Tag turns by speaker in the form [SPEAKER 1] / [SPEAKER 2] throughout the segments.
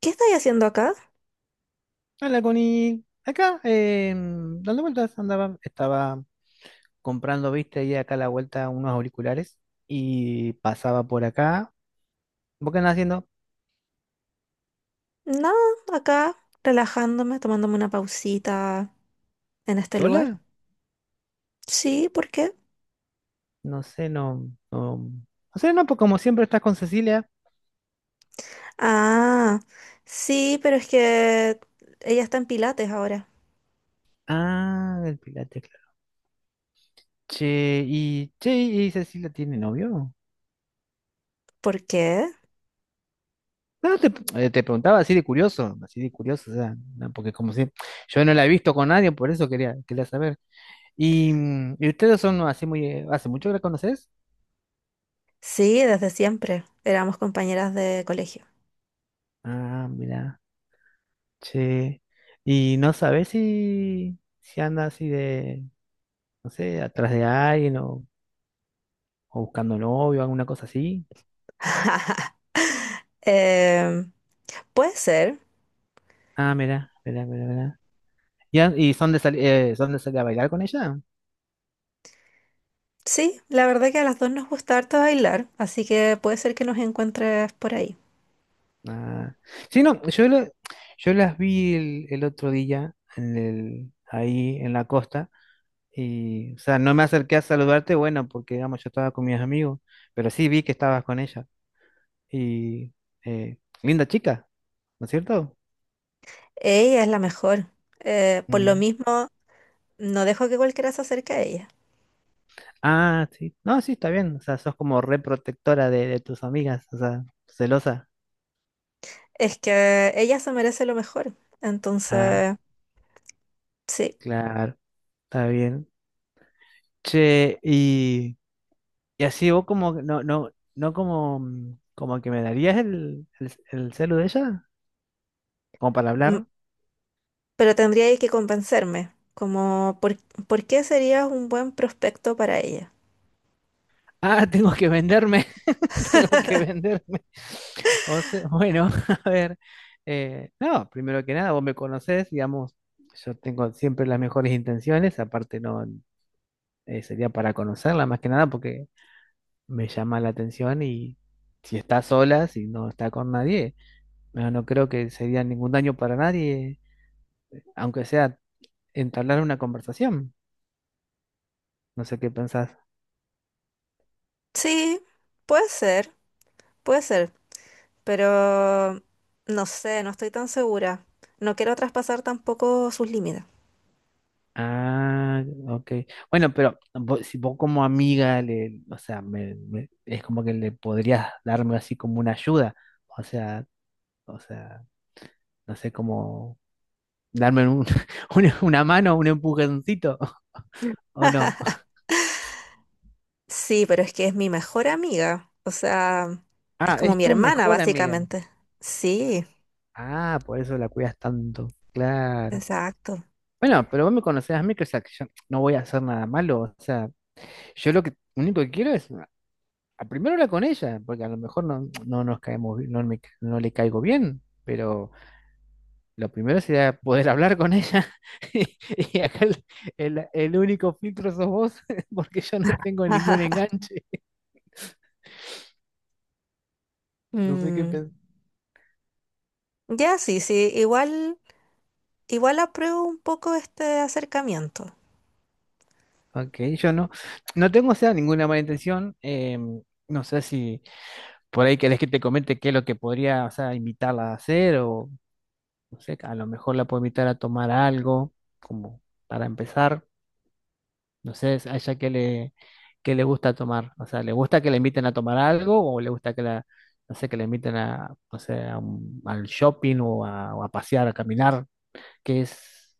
[SPEAKER 1] ¿Qué estáis haciendo acá?
[SPEAKER 2] Hola, Connie. Acá, dando vueltas, andaba, estaba comprando, viste, ahí acá a la vuelta unos auriculares y pasaba por acá. ¿Vos qué andás haciendo?
[SPEAKER 1] Nada, acá relajándome, tomándome una pausita en este lugar.
[SPEAKER 2] ¿Sola?
[SPEAKER 1] Sí, ¿por qué?
[SPEAKER 2] No sé, no, no, pues como siempre estás con Cecilia.
[SPEAKER 1] Ah, sí, pero es que ella está en Pilates ahora.
[SPEAKER 2] Ah, el Pilates, claro. Che, ¿y Cecilia tiene novio?
[SPEAKER 1] ¿Por qué?
[SPEAKER 2] No, te preguntaba así de curioso, o sea, no, porque como si yo no la he visto con nadie, por eso quería saber. ¿Y ustedes son así muy, hace mucho que la conoces?
[SPEAKER 1] Sí, desde siempre. Éramos compañeras de colegio.
[SPEAKER 2] Ah, mira, che. ¿Y no sabes si, si anda así de, no sé, atrás de alguien o buscando novio, alguna cosa así?
[SPEAKER 1] Eh, Puede ser.
[SPEAKER 2] Ah, mira, mira, mira, mira. ¿Y, y son de salir a bailar con ella?
[SPEAKER 1] Sí, la verdad que a las dos nos gusta harto bailar, así que puede ser que nos encuentres por ahí.
[SPEAKER 2] Ah. Sí, no, yo las vi el otro día en el, ahí en la costa y, o sea, no me acerqué a saludarte, bueno, porque, digamos, yo estaba con mis amigos, pero sí vi que estabas con ella y, eh, linda chica, ¿no es cierto?
[SPEAKER 1] Ella es la mejor. Por lo
[SPEAKER 2] Mm.
[SPEAKER 1] mismo, no dejo que cualquiera se acerque a ella.
[SPEAKER 2] Ah, sí. No, sí, está bien. O sea, sos como re protectora de tus amigas, o sea, celosa.
[SPEAKER 1] Es que ella se merece lo mejor.
[SPEAKER 2] Ah,
[SPEAKER 1] Entonces, sí.
[SPEAKER 2] claro, está bien. Che, y así vos como, que no, no, no como, como que me darías el, el celu de ella, como para
[SPEAKER 1] M-
[SPEAKER 2] hablar.
[SPEAKER 1] Pero tendría que convencerme. Como, ¿por qué serías un buen prospecto para ella?
[SPEAKER 2] Ah, tengo que venderme, tengo que venderme. O sea, bueno, a ver, no, primero que nada, vos me conocés, digamos, yo tengo siempre las mejores intenciones, aparte no, sería para conocerla más que nada porque me llama la atención y si está sola, si no está con nadie, no, no creo que sería ningún daño para nadie, aunque sea entablar una conversación. No sé qué pensás.
[SPEAKER 1] Sí, puede ser, puede ser. Pero no sé, no estoy tan segura. No quiero traspasar tampoco sus límites.
[SPEAKER 2] Ah, ok. Bueno, si vos como amiga, le, o sea, es como que le podrías darme así como una ayuda. O sea, o sea, no sé cómo darme un- una mano, un empujoncito, ¿o no?
[SPEAKER 1] Sí, pero es que es mi mejor amiga. O sea, es
[SPEAKER 2] Ah,
[SPEAKER 1] como
[SPEAKER 2] es
[SPEAKER 1] mi
[SPEAKER 2] tu
[SPEAKER 1] hermana,
[SPEAKER 2] mejor amiga.
[SPEAKER 1] básicamente. Sí,
[SPEAKER 2] Ah, por eso la cuidas tanto. Claro.
[SPEAKER 1] exacto.
[SPEAKER 2] Bueno, pero vos me conocés a mí, que, o sea, que yo no voy a hacer nada malo. O sea, yo lo que único que quiero es a primero hablar con ella, porque a lo mejor no, no nos caemos, no le caigo bien, pero lo primero sería poder hablar con ella. Y y acá el, el único filtro sos vos, porque yo no tengo ningún enganche. No sé qué
[SPEAKER 1] Mm,
[SPEAKER 2] pensar.
[SPEAKER 1] ya, sí, sí. Igual. Igual apruebo un poco este acercamiento.
[SPEAKER 2] Ok, yo no, no tengo, o sea, ninguna mala intención. No sé si. Por ahí querés que te comente qué es lo que podría, o sea, invitarla a hacer o, no sé, a lo mejor la puedo invitar a tomar algo, como para empezar. No sé, a ella qué le gusta tomar. O sea, ¿le gusta que la inviten a tomar algo o le gusta que la, no sé, que la inviten a, no sé, al shopping o a pasear, a caminar? ¿Qué es,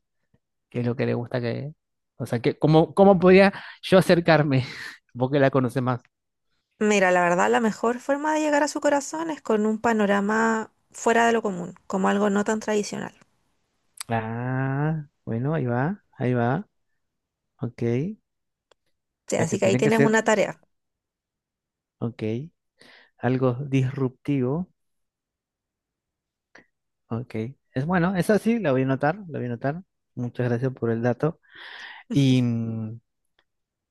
[SPEAKER 2] qué es lo que le gusta que, o sea, que, cómo, cómo podría yo acercarme? Vos que la conoces más.
[SPEAKER 1] Mira, la verdad, la mejor forma de llegar a su corazón es con un panorama fuera de lo común, como algo no tan tradicional.
[SPEAKER 2] Ah, bueno, ahí va, ok.
[SPEAKER 1] Sí,
[SPEAKER 2] Sea,
[SPEAKER 1] así
[SPEAKER 2] que
[SPEAKER 1] que ahí
[SPEAKER 2] tiene que
[SPEAKER 1] tienes una
[SPEAKER 2] ser,
[SPEAKER 1] tarea.
[SPEAKER 2] ok, algo disruptivo, ok. Es bueno, esa sí, la voy a notar, la voy a notar. Muchas gracias por el dato. Y, mm,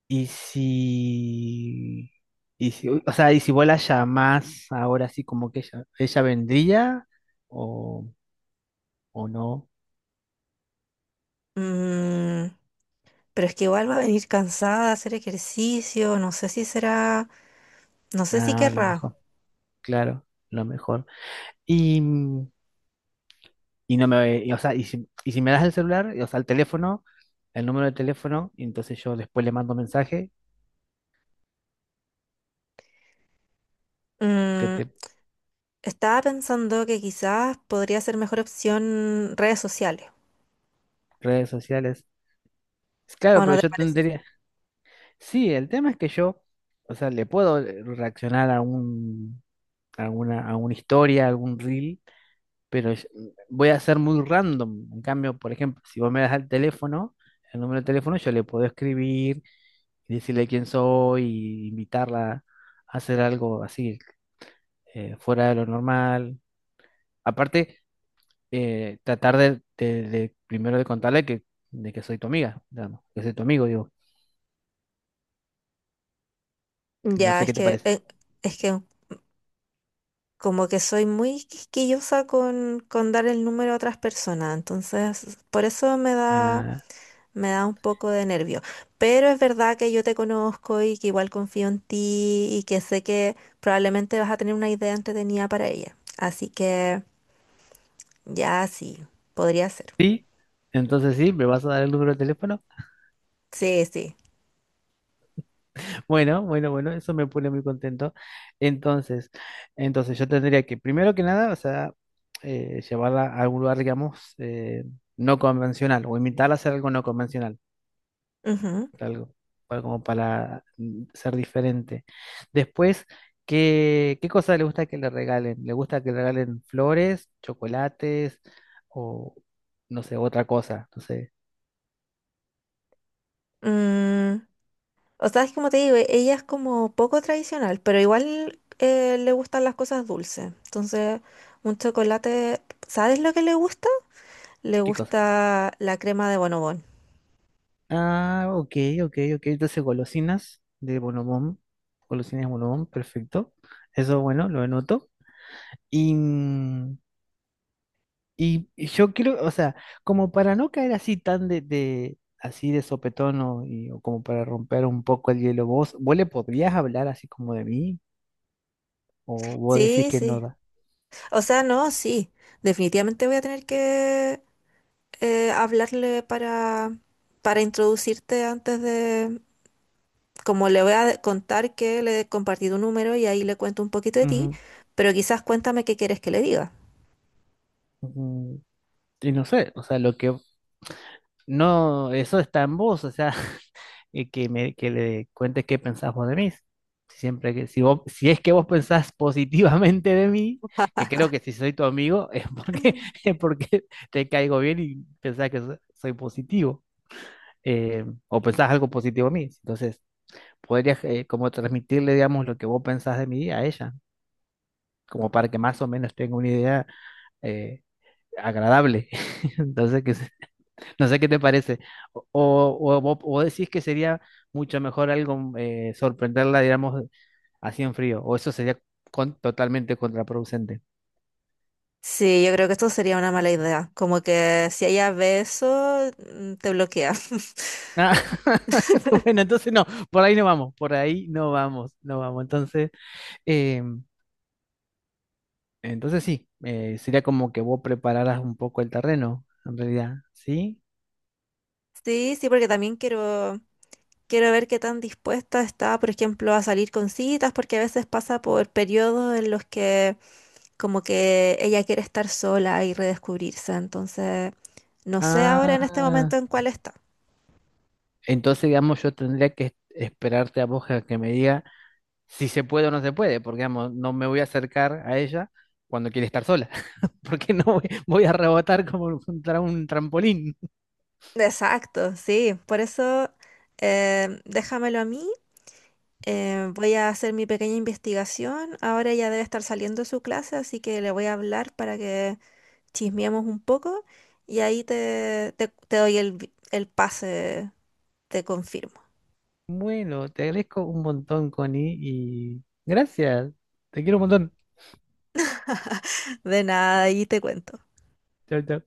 [SPEAKER 2] y si, y si, o sea, y si vuela ya más, ahora sí, como que ella vendría o, o no,
[SPEAKER 1] Mm, pero es que igual va a venir cansada de hacer ejercicio, no sé si será, no sé si
[SPEAKER 2] nada, lo
[SPEAKER 1] querrá.
[SPEAKER 2] mejor, claro, lo mejor. Y, mm, y no me, y, o sea, y si me das el celular, y, o sea, el teléfono, el número de teléfono, y entonces yo después le mando mensaje que
[SPEAKER 1] Mm,
[SPEAKER 2] te
[SPEAKER 1] Estaba pensando que quizás podría ser mejor opción redes sociales,
[SPEAKER 2] redes sociales. Es claro,
[SPEAKER 1] ¿o no
[SPEAKER 2] pero
[SPEAKER 1] te
[SPEAKER 2] yo
[SPEAKER 1] parece?
[SPEAKER 2] tendría. Sí, el tema es que yo, o sea, le puedo reaccionar a un, a alguna, a una historia, a algún reel, pero voy a ser muy random. En cambio, por ejemplo, si vos me das el teléfono, el número de teléfono, yo le puedo escribir y decirle quién soy, y invitarla a hacer algo así, fuera de lo normal. Aparte, tratar de, de primero de contarle que, de que soy tu amiga, digamos, que soy tu amigo, digo. No
[SPEAKER 1] Ya,
[SPEAKER 2] sé
[SPEAKER 1] es
[SPEAKER 2] qué te
[SPEAKER 1] que,
[SPEAKER 2] parece.
[SPEAKER 1] es que como que soy muy quisquillosa con dar el número a otras personas, entonces por eso
[SPEAKER 2] Ah,
[SPEAKER 1] me da un poco de nervio. Pero es verdad que yo te conozco y que igual confío en ti y que sé que probablemente vas a tener una idea entretenida para ella. Así que ya sí, podría ser.
[SPEAKER 2] sí, entonces sí, me vas a dar el número de teléfono.
[SPEAKER 1] Sí, sí.
[SPEAKER 2] Bueno, bueno, bueno, eso me pone muy contento. Entonces, entonces yo tendría que, primero que nada, o sea, llevarla a algún lugar, digamos, no convencional, o invitarla a hacer algo no convencional,
[SPEAKER 1] Ujú.
[SPEAKER 2] algo, como para ser diferente. Después, ¿qué, qué cosa le gusta que le regalen? ¿Le gusta que le regalen flores, chocolates o, no sé, otra cosa? No sé,
[SPEAKER 1] Mm, o sea, es como te digo, ella es como poco tradicional, pero igual le gustan las cosas dulces. Entonces, un chocolate, ¿sabes lo que le gusta? Le
[SPEAKER 2] ¿qué cosa?
[SPEAKER 1] gusta la crema de bonobón.
[SPEAKER 2] Ah, ok, ok, ok. Entonces, golosinas de Bonobón. Golosinas de Bonobón, perfecto. Eso, bueno, lo anoto. Y, mm, y yo quiero, o sea, como para no caer así tan de, así de sopetón o, o como para romper un poco el hielo, vos, vos le podrías hablar así como de mí o vos decís
[SPEAKER 1] Sí,
[SPEAKER 2] que no
[SPEAKER 1] sí.
[SPEAKER 2] da.
[SPEAKER 1] O sea, no, sí. Definitivamente voy a tener que hablarle para introducirte antes de... Como le voy a contar que le he compartido un número y ahí le cuento un poquito de ti,
[SPEAKER 2] Ujú,
[SPEAKER 1] pero quizás cuéntame qué quieres que le diga.
[SPEAKER 2] ujú. Y no sé, o sea, lo que no, eso está en vos, o sea, y que, me, que le cuentes qué pensás vos de mí. Si siempre que, si vos, si es que vos pensás positivamente de mí, que creo que si soy tu amigo es porque, es porque te caigo bien y pensás que soy positivo, o pensás algo positivo de mí. Entonces, podrías como transmitirle, digamos, lo que vos pensás de mí a ella, como para que más o menos tenga una idea eh, agradable. Entonces, que, no sé qué te parece. O, o decís que sería mucho mejor algo sorprenderla, digamos, así en frío. O eso sería totalmente contraproducente.
[SPEAKER 1] Sí, yo creo que esto sería una mala idea. Como que si ella ve eso, mm, te bloquea.
[SPEAKER 2] Ah, bueno, entonces no, por ahí no vamos, por ahí no vamos, no vamos. Entonces, eh, entonces sí, sería como que vos prepararas un poco el terreno, en realidad, ¿sí?
[SPEAKER 1] Sí, sí, porque también quiero. Quiero ver qué tan dispuesta está, por ejemplo, a salir con citas, porque a veces pasa por periodos en los que como que ella quiere estar sola y redescubrirse. Entonces, no sé ahora en este momento
[SPEAKER 2] Ah,
[SPEAKER 1] en cuál está.
[SPEAKER 2] entonces, digamos, yo tendría que esperarte a vos a que me diga si se puede o no se puede, porque digamos, no me voy a acercar a ella cuando quiere estar sola, porque no voy, voy a rebotar como contra un trampolín.
[SPEAKER 1] Exacto, sí. Por eso, déjamelo a mí. Voy a hacer mi pequeña investigación. Ahora ya debe estar saliendo de su clase, así que le voy a hablar para que chismeemos un poco y ahí te doy el pase, te confirmo.
[SPEAKER 2] Bueno, te agradezco un montón, Connie, y gracias. Te quiero un montón.
[SPEAKER 1] De nada, ahí te cuento.
[SPEAKER 2] Chao, chao.